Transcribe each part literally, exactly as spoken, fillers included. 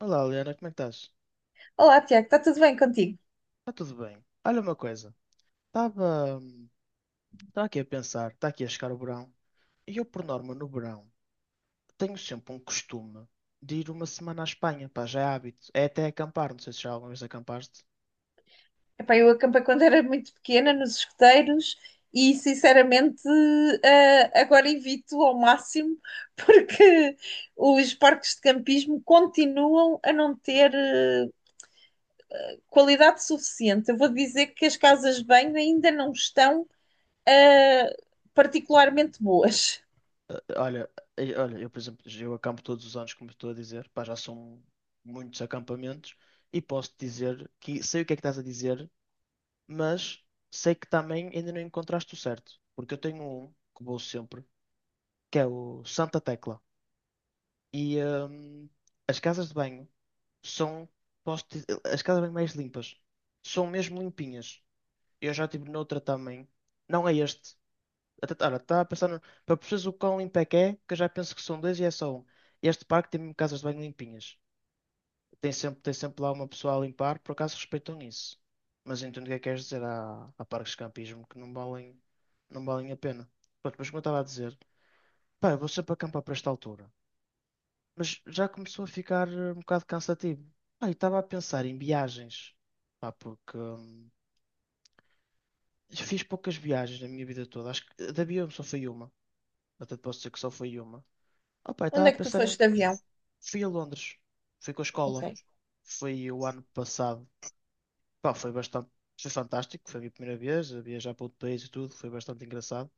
Olá, Liana, como é que estás? Olá, Tiago, está tudo bem contigo? Está tudo bem. Olha uma coisa, estava hum, estava aqui a pensar, está aqui a chegar o verão, e eu, por norma, no verão, tenho sempre um costume de ir uma semana à Espanha, pá, já é hábito. É até acampar, não sei se já alguma vez acampaste. Epá, eu acampei quando era muito pequena nos escuteiros e, sinceramente, eh, agora evito ao máximo porque os parques de campismo continuam a não ter eh, qualidade suficiente. Eu vou dizer que as casas de banho ainda não estão eh, particularmente boas. Eh, eh, Olha, eh, olha, eu, por exemplo, eu acampo todos os anos, como estou a dizer, pá, já são muitos acampamentos, e posso-te dizer que sei o que é que estás a dizer, mas sei que também ainda não encontraste o certo, porque eu tenho um que vou sempre, que é o Santa Tecla. E hum, as casas de banho são, posso dizer, as casas de banho mais limpas. São mesmo limpinhas. Eu já estive noutra também. Não é este. Até, olha, estava a pensar, no- para perceberes o quão limpo é que é, que eu já penso que são dois e é só um. Este parque tem mesmo casas de banho limpinhas. Tem sempre, tem sempre lá uma pessoa a limpar, por acaso respeitam isso. Mas entendo o que é que queres dizer. Há, há parques de campismo que não valem, não valem a pena. Pronto, mas como eu estava a dizer, pá, eu vou sempre acampar para esta altura, mas já começou a ficar eh, um bocado cansativo. Ah, e estava a pensar em viagens, pá, porque hum, fiz poucas viagens na minha vida toda. Acho que da avião só foi uma. Até te posso dizer que só foi uma. Ah, pá, e estava Onde a é que tu pensar em. foste de avião? Fui a Londres, fui com a escola, Ok. foi o ano passado. Pá, foi bastante. Foi fantástico, foi a minha primeira vez a viajar para outro país e tudo, foi bastante engraçado.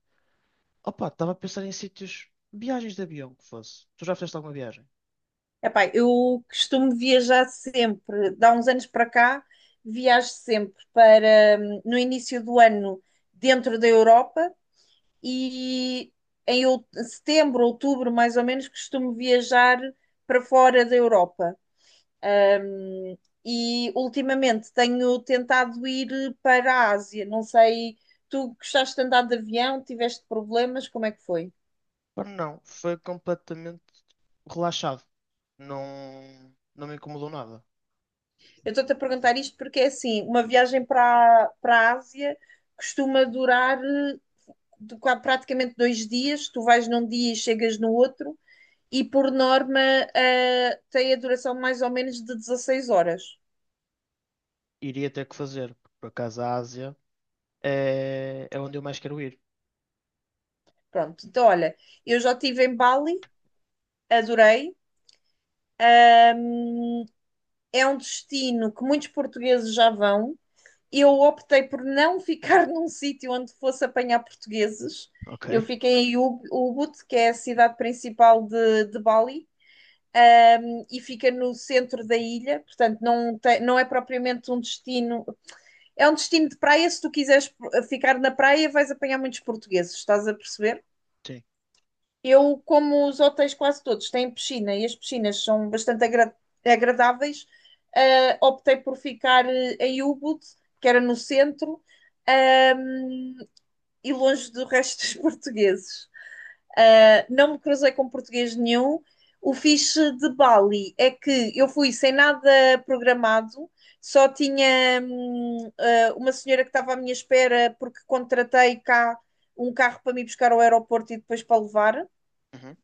Opa, estava a pensar em sítios, viagens de avião que fosse. Tu já fizeste alguma viagem? Epá, eu costumo viajar sempre. Dá uns anos para cá, viajo sempre para hum, no início do ano dentro da Europa e em out- setembro, outubro, mais ou menos, costumo viajar para fora da Europa. E ultimamente tenho tentado ir eh, para a Ásia. Não sei, tu gostaste de andar de avião, tiveste problemas, como é que foi? Pá, não, foi completamente relaxado. Não, não me incomodou nada. Eu estou-te a perguntar isto porque é assim, uma viagem para, para a Ásia costuma durar eh, de qua- praticamente dois dias, tu vais num dia e chegas no outro, e por norma eh, tem a duração mais ou menos de dezasseis horas. Iria ter que fazer, porque por acaso a Ásia é, é onde eu mais quero ir. Pronto, então olha, eu já estive em Bali, adorei, é um destino que muitos portugueses já vão, eu optei por não ficar num sítio onde fosse apanhar portugueses. Eu Ok. fiquei em Ubud, que é a cidade principal de, de Bali, um, e fica no centro da ilha, portanto não, tem, não é propriamente um destino. É um destino de praia, se tu quiseres eh, ficar na praia vais apanhar muitos portugueses, estás a perceber? Sim. Eu, como os hotéis quase todos têm piscina e as piscinas são bastante agra- agradáveis, eh, optei por ficar eh, em Ubud, que era no centro, ehm, e longe do resto dos portugueses. Eh, não me cruzei com português nenhum. O fixe de Bali é que eu fui sem nada programado, só tinha, hum, eh, uma senhora que estava à minha espera porque contratei cá um carro para me buscar ao aeroporto e depois para levar. Uhum.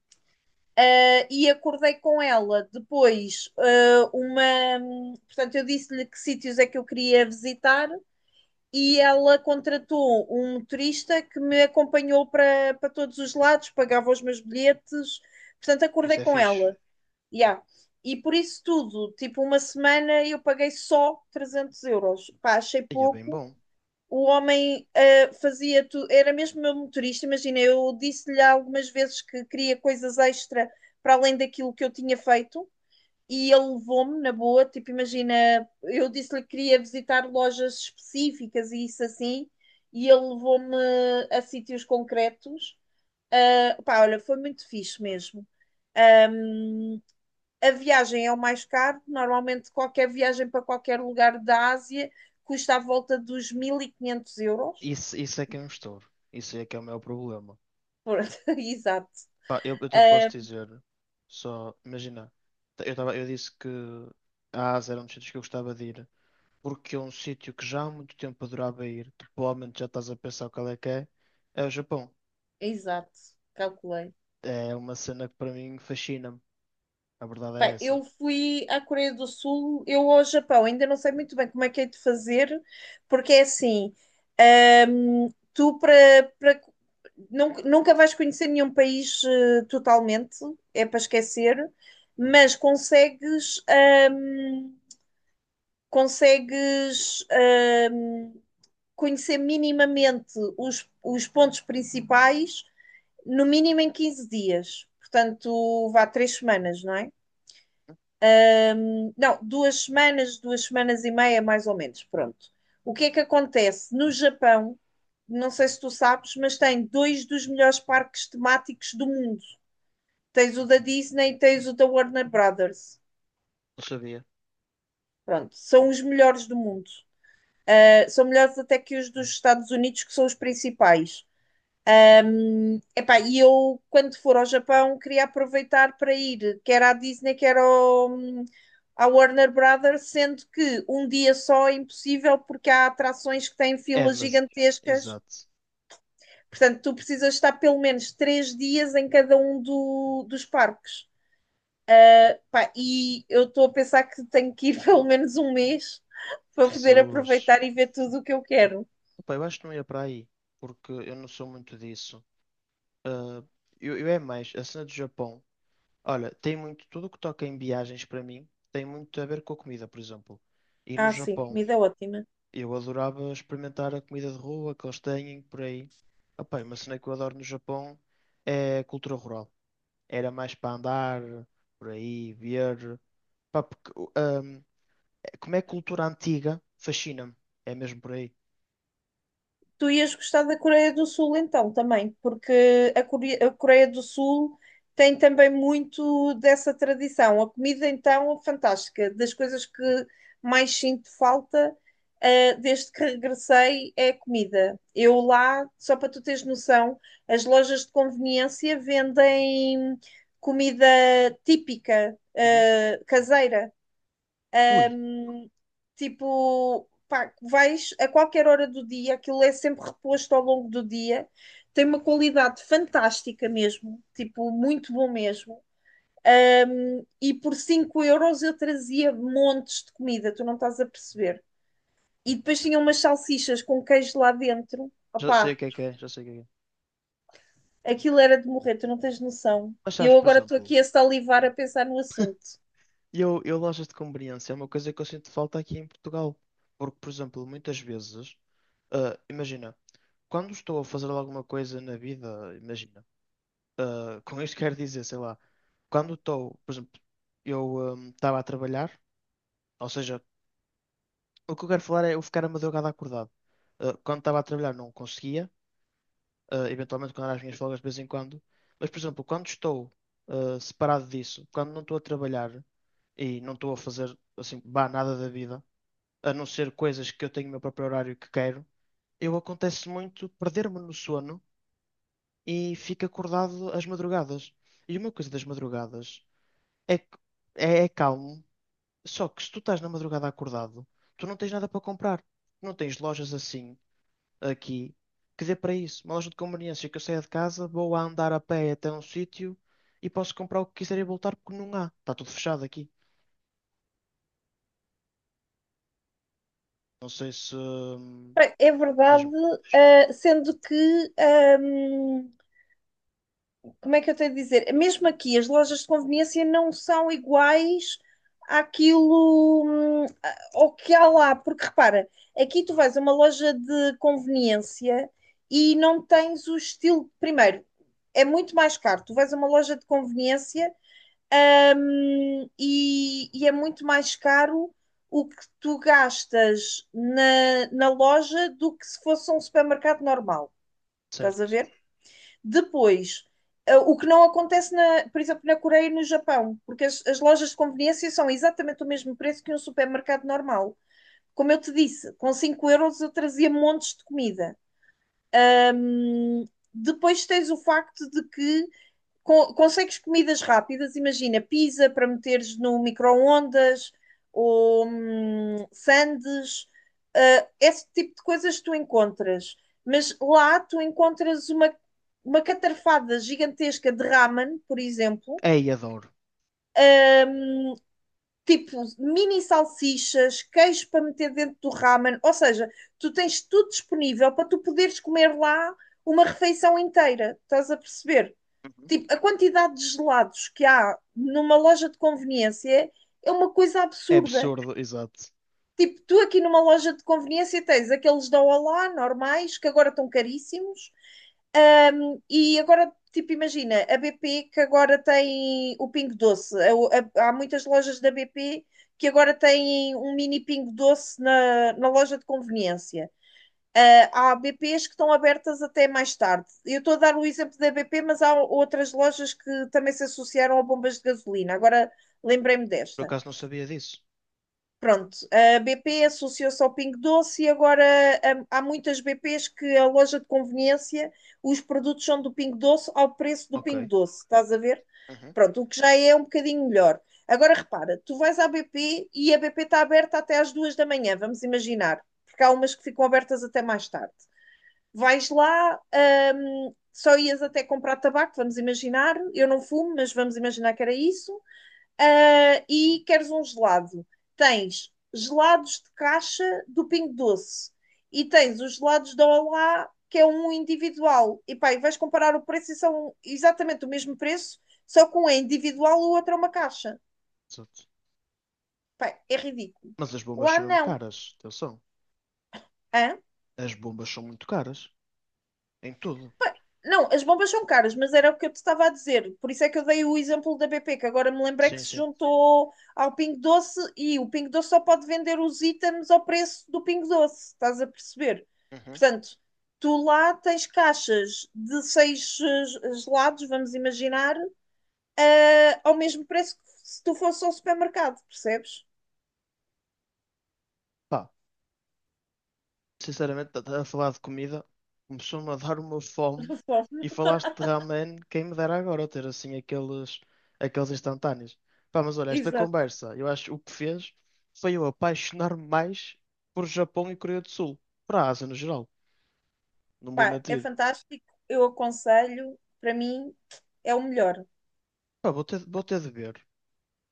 E acordei com ela depois eh, uma. Portanto, eu disse-lhe que sítios é que eu queria visitar e ela contratou um motorista que me acompanhou para, para todos os lados, pagava os meus bilhetes, portanto, acordei Isso é com fixe. ela. Yeah. E por isso tudo, tipo, uma semana eu paguei só trezentos euros. Pá, achei E é bem pouco, bom. o homem ah, fazia tudo, era mesmo meu motorista, imagina, eu disse-lhe algumas vezes que queria coisas extra para além daquilo que eu tinha feito e ele levou-me na boa, tipo, imagina, eu disse-lhe que queria visitar lojas específicas e isso assim, e ele levou-me a sítios concretos. Ah, pá, olha, foi muito fixe mesmo. Um, a viagem é o mais caro. Normalmente, qualquer viagem para qualquer lugar da Ásia custa à volta dos mil e quinhentos euros. Isso, isso é que é um estouro. Isso é que é o meu problema. Pronto, exato. Pá, eu, eu até te posso Ah, dizer, só imagina, eu, tava, eu disse que a Ásia era um dos sítios que eu gostava de ir, porque é um sítio que já há muito tempo adorava ir, que provavelmente já estás a pensar qual é que é, é o Japão. exato, calculei. É uma cena que para mim fascina-me. A verdade é Bem, essa. eu fui à Coreia do Sul, eu ao Japão, ainda não sei muito bem como é que hei de fazer, porque é assim, ahm, tu para, para- nun- nunca vais conhecer nenhum país eh, totalmente, é para esquecer, mas consegues, ahm, consegues, ahm, conhecer minimamente os, os pontos principais no mínimo em quinze dias. Portanto, vá três semanas, não é? Não, duas semanas, duas semanas e meia, mais ou menos. Pronto. O que é que acontece? No Japão, não sei se tu sabes, mas tem dois dos melhores parques temáticos do mundo. Tens o da Disney e tens o da Warner Brothers. Não sabia. Pronto, são os melhores do mundo. Uh, são melhores até que os dos Estados Unidos, que são os principais. Epá, e eu, quando for ao Japão, queria aproveitar para ir, quer à Disney, quer ao, à Warner Brothers, sendo que um dia só é impossível porque há atrações que têm É, filas mas. gigantescas. Exato. Portanto, tu precisas estar pelo menos três dias em cada um do, dos parques. Epá, e eu estou a pensar que tenho que ir pelo menos um mês para poder Jesus. aproveitar e ver tudo o que eu quero. Opa, eu acho que não ia para aí. Porque eu não sou muito disso. Ah, eu, eu é mais. A cena do Japão. Olha, tem muito. Tudo o que toca em viagens para mim tem muito a ver com a comida, por exemplo. E no Ah, sim, Japão, comida é ótima. eu adorava experimentar a comida de rua que eles têm por aí. Opa, uma cena que eu adoro no Japão é a cultura rural. Era mais para andar por aí, ver. Pá, porque, hum, como é cultura antiga, fascina-me. É mesmo por aí. Tu ias gostar da Coreia do Sul então também, porque a Core- a Coreia do Sul tem também muito dessa tradição. A comida então é fantástica, das coisas que mais sinto falta, eh, desde que regressei é a comida. Eu lá, só para tu teres noção, as lojas de conveniência vendem comida típica, Uhum. eh, caseira. Ui, Tipo, pá, vais a qualquer hora do dia, aquilo é sempre reposto ao longo do dia. Tem uma qualidade fantástica mesmo, tipo, muito bom mesmo. Um, e por cinco euros eu trazia montes de comida, tu não estás a perceber. E depois tinha umas salsichas com queijo lá dentro. já sei o Opá, que é que é, já sei o que é. que é. aquilo era de morrer, tu não tens noção. Mas sabes, Eu por agora estou exemplo, aqui a salivar a pensar no assunto. eu, eu lojas de conveniência é uma coisa que eu sinto falta aqui em Portugal. Porque, por exemplo, muitas vezes, ah, imagina, quando estou a fazer alguma coisa na vida, imagina, ah, com isto quero dizer, sei lá, quando estou, por exemplo, eu estava a trabalhar, ou seja, o que eu quero falar é eu ficar a madrugada acordado. Ah, quando estava a trabalhar não conseguia eh, eventualmente quando há as minhas folgas de vez em quando. Mas, por exemplo, quando estou eh, separado disso, quando não estou a trabalhar e não estou a fazer assim, bah, nada da vida, a não ser coisas que eu tenho o meu próprio horário que quero, eu acontece muito perder-me no sono e fico acordado às madrugadas. E uma coisa das madrugadas é que é, é calmo, só que se tu estás na madrugada acordado, tu não tens nada para comprar. Não tens lojas assim aqui, que dê para isso. Uma loja de conveniência que eu saia de casa, vou a andar a pé até um sítio e posso comprar o que quiser e voltar porque não há. Está tudo fechado aqui. Não sei se. hum, Bem, é verdade, Diz-me. ah, sendo que como é que eu tenho de dizer? Mesmo aqui, as lojas de conveniência não são iguais àquilo hum, ao que há lá, porque repara, aqui tu vais a uma loja de conveniência e não tens o estilo. Primeiro, é muito mais caro. Tu vais a uma loja de conveniência hum, e, e é muito mais caro o que tu gastas na, na loja do que se fosse um supermercado normal. Estás a Certo. ver? Depois, ah, o que não acontece, na, por exemplo, na Coreia e no Japão, porque as, as lojas de conveniência são exatamente o mesmo preço que um supermercado normal. Como eu te disse, com cinco euros eu trazia montes de comida. Hum, depois tens o facto de que co- consegues comidas rápidas, imagina, pizza para meteres no micro-ondas ou hum, sandes, ah, esse tipo de coisas tu encontras. Mas lá tu encontras uma, uma catarfada gigantesca de ramen, por exemplo, É, e adoro. hum, tipo mini salsichas, queijo para meter dentro do ramen, ou seja, tu tens tudo disponível para tu poderes comer lá uma refeição inteira, estás a perceber? Uhum. Tipo, a quantidade de gelados que há numa loja de conveniência é uma coisa É absurda. absurdo, exato. Tipo, tu aqui numa loja de conveniência tens aqueles da Olá, normais, que agora estão caríssimos. Um, e agora, tipo, imagina, a B P que agora tem o Pingo Doce. A- a- há muitas lojas da B P que agora têm um mini Pingo Doce na, na loja de conveniência. Ah, há B Ps que estão abertas até mais tarde. Eu estou a dar o exemplo da B P, mas há outras lojas que também se associaram a bombas de gasolina. Agora lembrei-me Por desta. acaso não sabia disso. Pronto, a B P associou-se ao Pingo Doce e agora hum, há muitas B Ps que a loja de conveniência, os produtos são do Pingo Doce ao preço do Pingo Ok, Doce, estás a ver? uhum. Pronto, o que já é um bocadinho melhor. Agora repara, tu vais à B P e a B P está aberta até às duas da manhã, vamos imaginar, porque há umas que ficam abertas até mais tarde vais lá, hum, só ias até comprar tabaco, vamos imaginar, eu não fumo, mas vamos imaginar que era isso, ah, e queres um gelado. Tens gelados de caixa do Pingo Doce e tens os gelados da Olá, que é um individual. E pá, e vais comparar o preço e são exatamente o mesmo preço, só que um é individual e o outro é uma caixa. Exato. Pá, é ridículo. Mas as bombas Lá são mesmo não. caras, atenção. Hã? As bombas são muito caras. Em tudo. Não, as bombas são caras, mas era o que eu te estava a dizer. Por isso é que eu dei o exemplo da B P, que agora me lembrei que Sim, se sim. juntou ao Pingo Doce e o Pingo Doce só pode vender os itens ao preço do Pingo Doce, estás a perceber? Uhum. Portanto, tu lá tens caixas de seis eh, gelados, vamos imaginar, eh, ao mesmo preço que se tu fosse ao supermercado, percebes? Pá. Sinceramente, a a falar de comida, começou-me a dar uma fome e Conforme. falaste de ramen, quem me dera agora ter assim aqueles, aqueles instantâneos. Pá, mas olha, esta Exato. conversa, eu acho que o que fez foi eu apaixonar-me mais por Japão e Coreia do Sul, para a Ásia no geral, não vou Pá, é mentir. fantástico, eu aconselho, para mim é o melhor. Pá, vou ter, vou ter de ver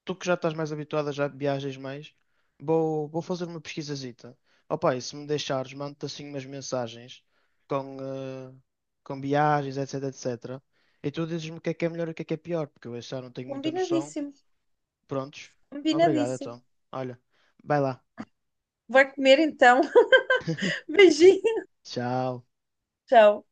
tu que já estás mais habituada, já viajas mais, vou, vou fazer uma pesquisazita. Opa, e se me deixares, mando-te assim umas mensagens com, eh, com viagens, etcétera, etcétera. E tu dizes-me o que é que é melhor e o que é que é pior, porque eu já não tenho muita noção. Combinadíssimo, Prontos? Obrigado, combinadíssimo. então. Olha, vai lá. Vai comer então. Beijinho. Tchau. Tchau.